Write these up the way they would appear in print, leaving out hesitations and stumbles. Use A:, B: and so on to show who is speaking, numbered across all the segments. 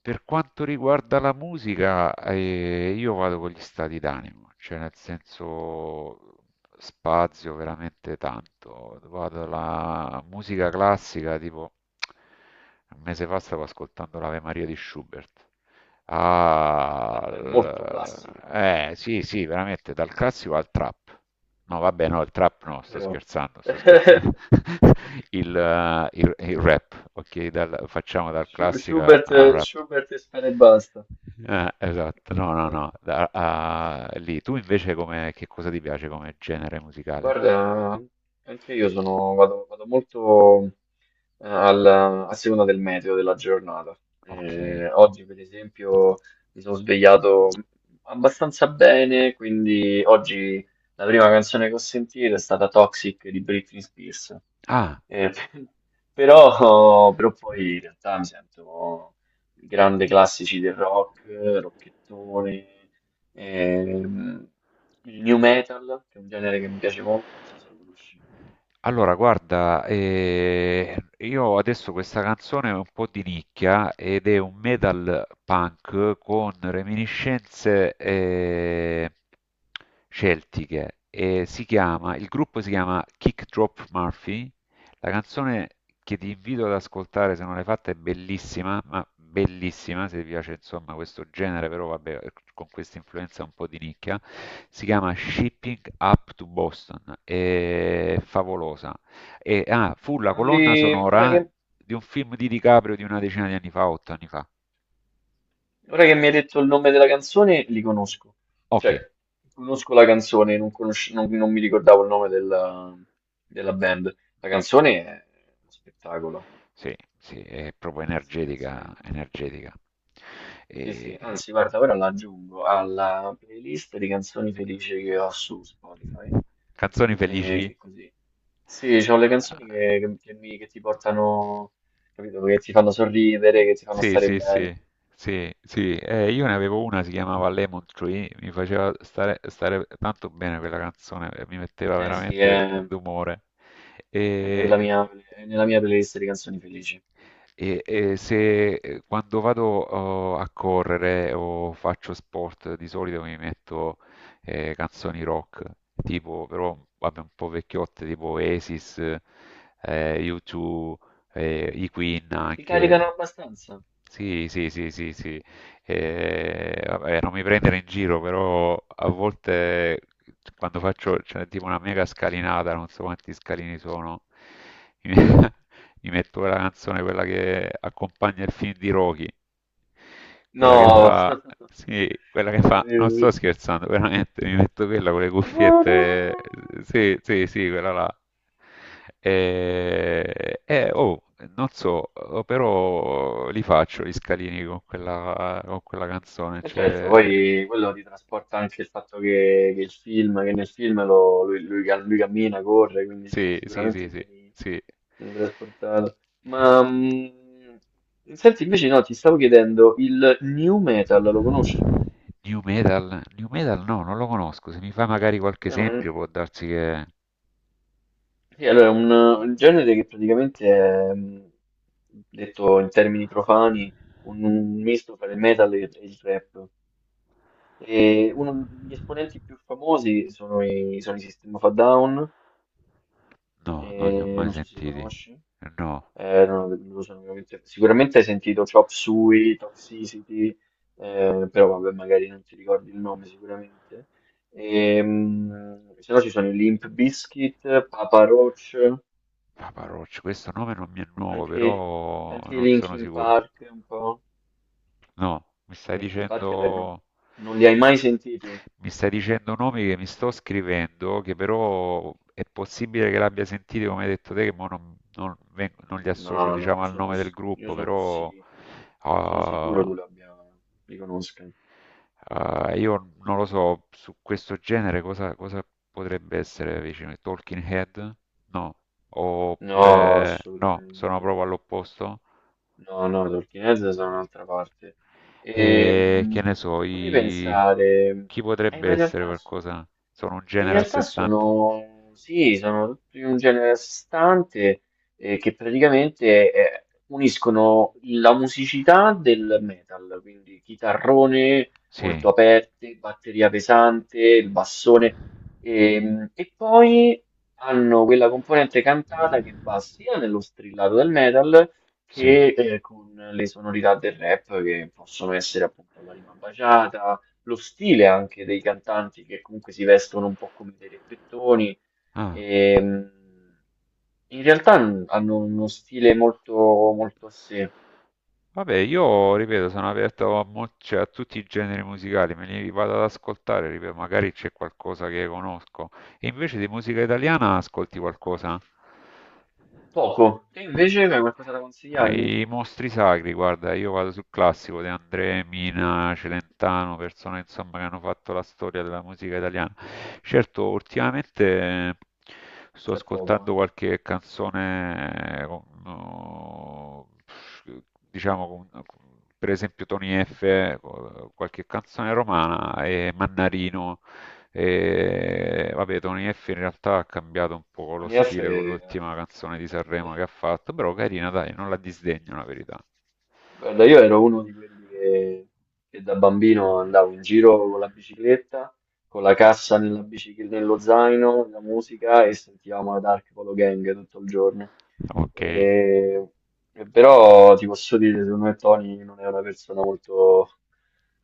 A: Per quanto riguarda la musica, io vado con gli stati d'animo, cioè nel senso spazio veramente tanto. Vado alla musica classica, tipo un mese fa stavo ascoltando l'Ave Maria di Schubert
B: È molto classica,
A: sì, sì, veramente dal classico al trap. No, vabbè, no, il trap no, sto
B: però
A: scherzando, sto scherzando. Il rap, ok, facciamo dal classico
B: Schubert,
A: al rap.
B: Schubert e spera e basta.
A: Esatto, no, no,
B: Eh,
A: no, lì. Tu invece come, che cosa ti piace come genere musicale?
B: Guarda, anche io sono, vado molto, alla- a seconda del meteo della giornata.
A: Ok.
B: Oggi, per esempio, mi sono svegliato abbastanza bene, quindi oggi la prima canzone che ho sentito è stata Toxic di Britney Spears.
A: Ah,
B: Eh, però poi in realtà mi sento grande classici del rock, rockettone, ehm, il new metal, che è un genere che mi piace molto, non so se lo conosci.
A: allora, guarda, io adesso questa canzone è un po' di nicchia ed è un metal punk con reminiscenze celtiche e si chiama, il gruppo si chiama Kick Drop Murphy, la canzone che ti invito ad ascoltare, se non l'hai fatta, è bellissima, ma bellissima, se ti piace insomma questo genere, però vabbè, con questa influenza un po' di nicchia, si chiama Shipping Up to Boston, è favolosa. Fu la
B: Non
A: colonna
B: li- ora
A: sonora
B: che
A: di un film di DiCaprio di una decina di anni fa, otto anni fa.
B: Ora che mi hai detto il nome della canzone, li conosco.
A: Ok,
B: Cioè, conosco la canzone, non, conosce- non- non mi ricordavo il nome della, della band. La canzone è uno spettacolo.
A: sì, sì, è proprio
B: Grazie, la canzone è
A: energetica,
B: una-
A: energetica.
B: Sì, sì,
A: E-
B: anzi, guarda, ora la aggiungo alla playlist di canzoni felici che ho su Spotify.
A: Canzoni
B: E
A: felici?
B: che così. Sì, c'ho le canzoni che ti portano, capito, che ti fanno sorridere, che ti fanno
A: Sì,
B: stare
A: sì, sì,
B: bene.
A: sì, sì. Io ne avevo una, si chiamava Lemon Tree, mi faceva stare tanto bene quella canzone, mi metteva
B: Eh sì,
A: veramente
B: è
A: d'umore.
B: È nella
A: E,
B: è nella mia playlist di canzoni felici.
A: se quando vado oh, a correre o faccio sport, di solito mi metto canzoni rock, tipo però vabbè, un po' vecchiotte, tipo Oasis, U2 e i Queen
B: E ti caricano
A: anche.
B: abbastanza?
A: Sì, sì, sì, sì, sì. E, vabbè, non mi prendere in giro, però a volte quando faccio, c'è tipo una mega scalinata, non so quanti scalini sono, mi, mi metto quella canzone, quella che accompagna il film di Rocky, quella che
B: No,
A: fa, sì, quella che
B: sì, sì,
A: fa, non sto
B: sì.
A: scherzando, veramente, mi metto quella con le cuffiette, sì, sì, sì, quella là. E, oh, non so, oh, però li faccio gli scalini con quella canzone.
B: E certo,
A: Cioè,
B: poi quello ti trasporta anche il fatto che il film, che nel film lui cammina, corre, quindi ci-
A: sì, sì, sì,
B: sicuramente
A: sì,
B: sei
A: sì.
B: trasportato. Ma senti, invece no, ti stavo chiedendo, il new metal lo conosci?
A: New Metal? New Metal no, non lo conosco. Se mi fa magari qualche esempio può darsi che...
B: Sì, allora, è un genere che praticamente è, detto in termini profani, un misto tra il metal e il rap. E uno degli esponenti più famosi sono sono i System of a Down,
A: No, non li ho
B: e
A: mai
B: non so se li
A: sentiti.
B: conosci.
A: No.
B: Non lo so, veramente- sicuramente hai sentito Chop Suey, Toxicity, però vabbè, magari non ti ricordi il nome sicuramente. E, se no ci sono i Limp Bizkit, Papa Roach.
A: Papa Roach, questo nome non mi è nuovo,
B: Anche,
A: però
B: anche i
A: non sono
B: Linkin
A: sicuro.
B: Park un po'.
A: No,
B: Linkin Park non li hai mai sentiti?
A: mi stai dicendo nomi che mi sto scrivendo, che però è possibile che l'abbia sentito, come hai detto te, che mo non, non li
B: No,
A: associo,
B: no,
A: diciamo, al nome del
B: io
A: gruppo,
B: sono,
A: però
B: sì, sono sicuro
A: ah,
B: tu li abbia, li conosca.
A: ah, io non lo so, su questo genere cosa, cosa potrebbe essere vicino? Talking Head? No.
B: No,
A: Oppure no, sono
B: assolutamente.
A: proprio all'opposto?
B: No, no, i Talking Heads sono un'altra parte.
A: E che ne so,
B: Fammi
A: i...
B: pensare.
A: chi
B: Eh,
A: potrebbe
B: ma in
A: essere
B: realtà
A: qualcosa? Sono un
B: In
A: genere a sé
B: realtà
A: stante.
B: sono, sì, sono tutti un genere a sé stante che praticamente uniscono la musicità del metal, quindi chitarrone molto
A: Sì,
B: aperte, batteria pesante, il bassone, e poi hanno quella componente cantata che va sia nello strillato del metal
A: sì.
B: che con le sonorità del rap che possono essere appunto la rima baciata, lo stile anche dei cantanti che comunque si vestono un po' come dei reppettoni.
A: Ah.
B: E, in realtà n- hanno uno stile molto, molto a sé.
A: Vabbè, io ripeto, sono aperto a, cioè, a tutti i generi musicali, me li vado ad ascoltare, ripeto, magari c'è qualcosa che conosco. E invece di musica italiana ascolti qualcosa?
B: Poco. Te invece hai qualcosa da consigliarmi?
A: Ai mostri sacri, guarda, io vado sul classico De André, Mina, Celentano, persone insomma che hanno fatto la storia della musica italiana. Certo, ultimamente sto
B: C'è poco,
A: ascoltando
B: eh.
A: qualche canzone, no, diciamo, per esempio Tony F, qualche canzone romana e Mannarino. E vabbè, Tony F in realtà ha cambiato un po' lo
B: Tony F.
A: stile con
B: eh,
A: l'ultima canzone di Sanremo che ha fatto, però carina, dai, non la disdegno la verità.
B: Guarda, io ero uno di quelli che da bambino andavo in giro con la bicicletta, con la cassa nella nello zaino, la musica e sentivamo la Dark Polo Gang tutto il giorno.
A: Ok,
B: E- e però ti posso dire, secondo me Tony non è una persona molto,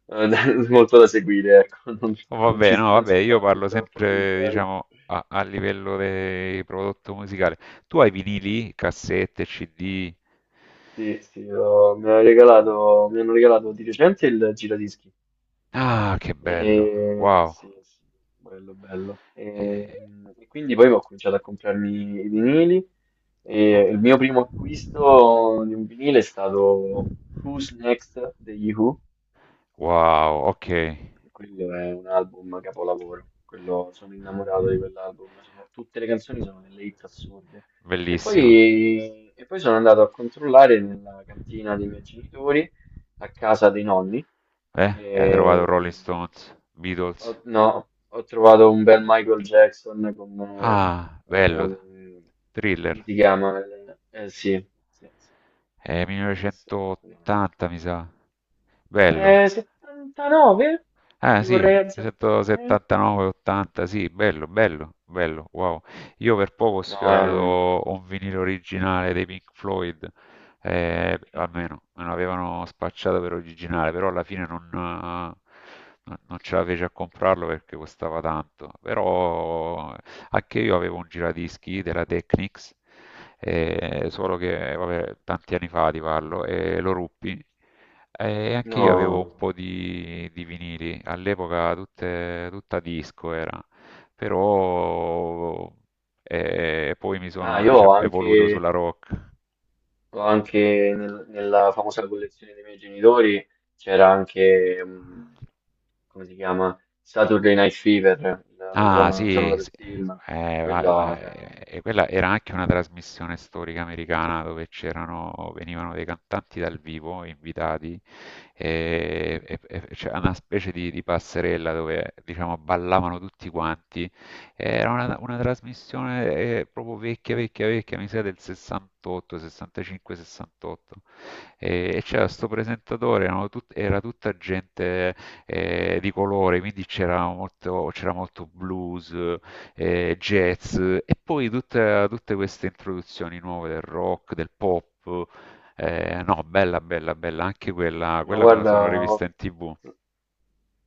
B: da molto da seguire, ecco, non,
A: oh, vabbè, no,
B: non
A: vabbè,
B: ci sta
A: io
B: più
A: parlo
B: troppo
A: sempre,
B: simpatico.
A: diciamo, a, a livello di prodotto musicale. Tu hai vinili, cassette, CD?
B: Sì, sì, mi hanno regalato di recente il giradischi.
A: Ah, che
B: E
A: bello, wow.
B: sì, sì, bello, bello.
A: Eh,
B: Quindi poi ho cominciato a comprarmi i vinili
A: oh.
B: e il mio primo acquisto di un vinile è stato Who's Next degli Who.
A: Wow, ok.
B: Quello è un album capolavoro, quello, sono innamorato di quell'album, sono- tutte le canzoni sono delle hit assurde.
A: Bellissimo.
B: E poi sono andato a controllare nella cantina dei miei genitori, a casa dei nonni,
A: E hai trovato
B: e
A: Rolling Stones, Beatles.
B: ho, no, ho trovato un bel Michael Jackson con,
A: Ah,
B: eh,
A: bello.
B: ehm, come
A: Thriller.
B: si chiama? Sì, sì, sì,
A: È
B: sì, sì.
A: 1980, mi sa. Bello.
B: 79?
A: Ah
B: Ti
A: sì,
B: vorrei azzardare?
A: 179, 80, sì, bello, bello, bello, wow. Io per poco ho
B: No, è un...
A: sfiorato un vinile originale dei Pink Floyd, almeno me lo avevano spacciato per originale, però alla fine non, non ce la feci a comprarlo perché costava tanto. Però anche io avevo un giradischi della Technics, solo che vabbè, tanti anni fa ti parlo, e lo ruppi. E anche io avevo
B: No.
A: un po' di vinili, all'epoca tutta disco era, però poi mi
B: Ah,
A: sono,
B: io
A: diciamo, evoluto sulla rock.
B: ho anche nella famosa collezione dei miei genitori c'era anche, come si chiama? Saturday Night Fever, la, la
A: Ah
B: colonna
A: sì,
B: sonora del
A: sì.
B: film. Quella, cioè,
A: Quella era anche una trasmissione storica americana dove c'erano, venivano dei cantanti dal vivo invitati e c'era una specie di passerella dove diciamo ballavano tutti quanti. Era una trasmissione proprio vecchia, vecchia, vecchia, mi sa del 68, 65, 68. E c'era questo presentatore, era tutta gente di colore, quindi c'era molto blues, jazz e poi tutte queste introduzioni nuove del rock, del pop. No, bella, bella, bella, anche quella,
B: no,
A: quella me la
B: guarda,
A: sono rivista in TV.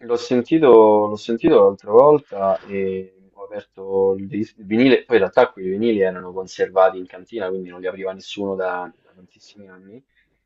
B: l'ho sentito, l'ho sentito l'altra volta e ho aperto il il vinile, poi in realtà quei vinili erano conservati in cantina, quindi non li apriva nessuno da, da tantissimi anni.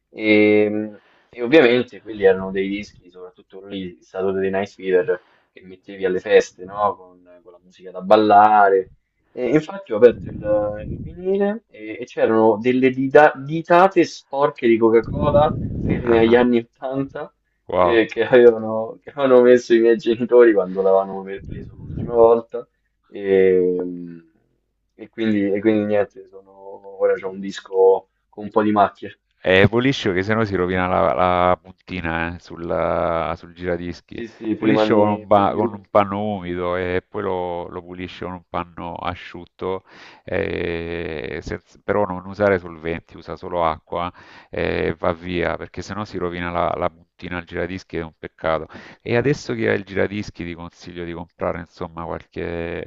B: E, e ovviamente quelli erano dei dischi, soprattutto quello lì, Saturday Night Fever, che mettevi alle feste, no? Con la musica da ballare. E infatti ho aperto il vinile e c'erano delle ditate sporche di Coca-Cola ferme
A: Ah,
B: agli
A: ah,
B: anni 80,
A: wow.
B: che che avevano messo i miei genitori quando l'avevano preso l'ultima volta. E, e quindi niente, sono, ora c'ho un disco con un po' di macchie.
A: Puliscio che sennò si rovina la, la puntina sul, sul giradischi.
B: Sì, sì,
A: Puliscio con un,
B: prima di...
A: con un panno umido e poi lo, lo puliscio con un panno asciutto, però non usare solventi, usa solo acqua e va via, perché sennò si rovina la, la puntina al giradischi ed è un peccato. E adesso che hai il giradischi ti consiglio di comprare insomma qualche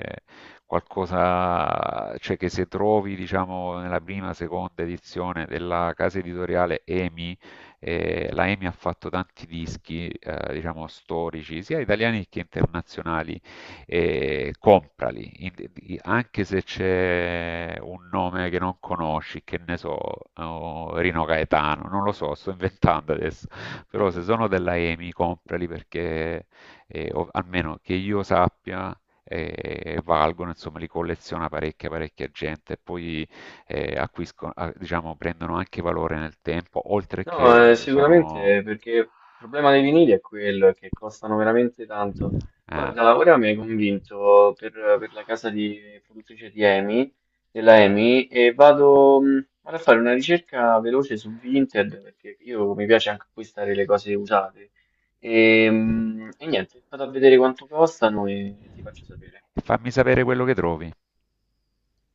A: qualcosa, cioè che se trovi, diciamo, nella prima, seconda edizione della casa editoriale EMI, la EMI ha fatto tanti dischi, diciamo, storici, sia italiani che internazionali, comprali, anche se c'è un nome che non conosci, che ne so, oh, Rino Gaetano, non lo so, sto inventando adesso, però se
B: Mhm.
A: sono della EMI, comprali perché, almeno che io sappia, e valgono, insomma, li colleziona parecchia, parecchia gente e poi acquiscono, ah, diciamo, prendono anche valore nel tempo, oltre che
B: No,
A: sono...
B: sicuramente perché il problema dei vinili è quello, è che costano veramente tanto.
A: Ah.
B: Guarda, ora mi hai convinto per la casa di produttrice di EMI, della EMI, e vado, vado a fare una ricerca veloce su Vinted perché io mi piace anche acquistare le cose usate. E niente, vado a vedere quanto costano e ti faccio sapere.
A: Fammi sapere quello che trovi.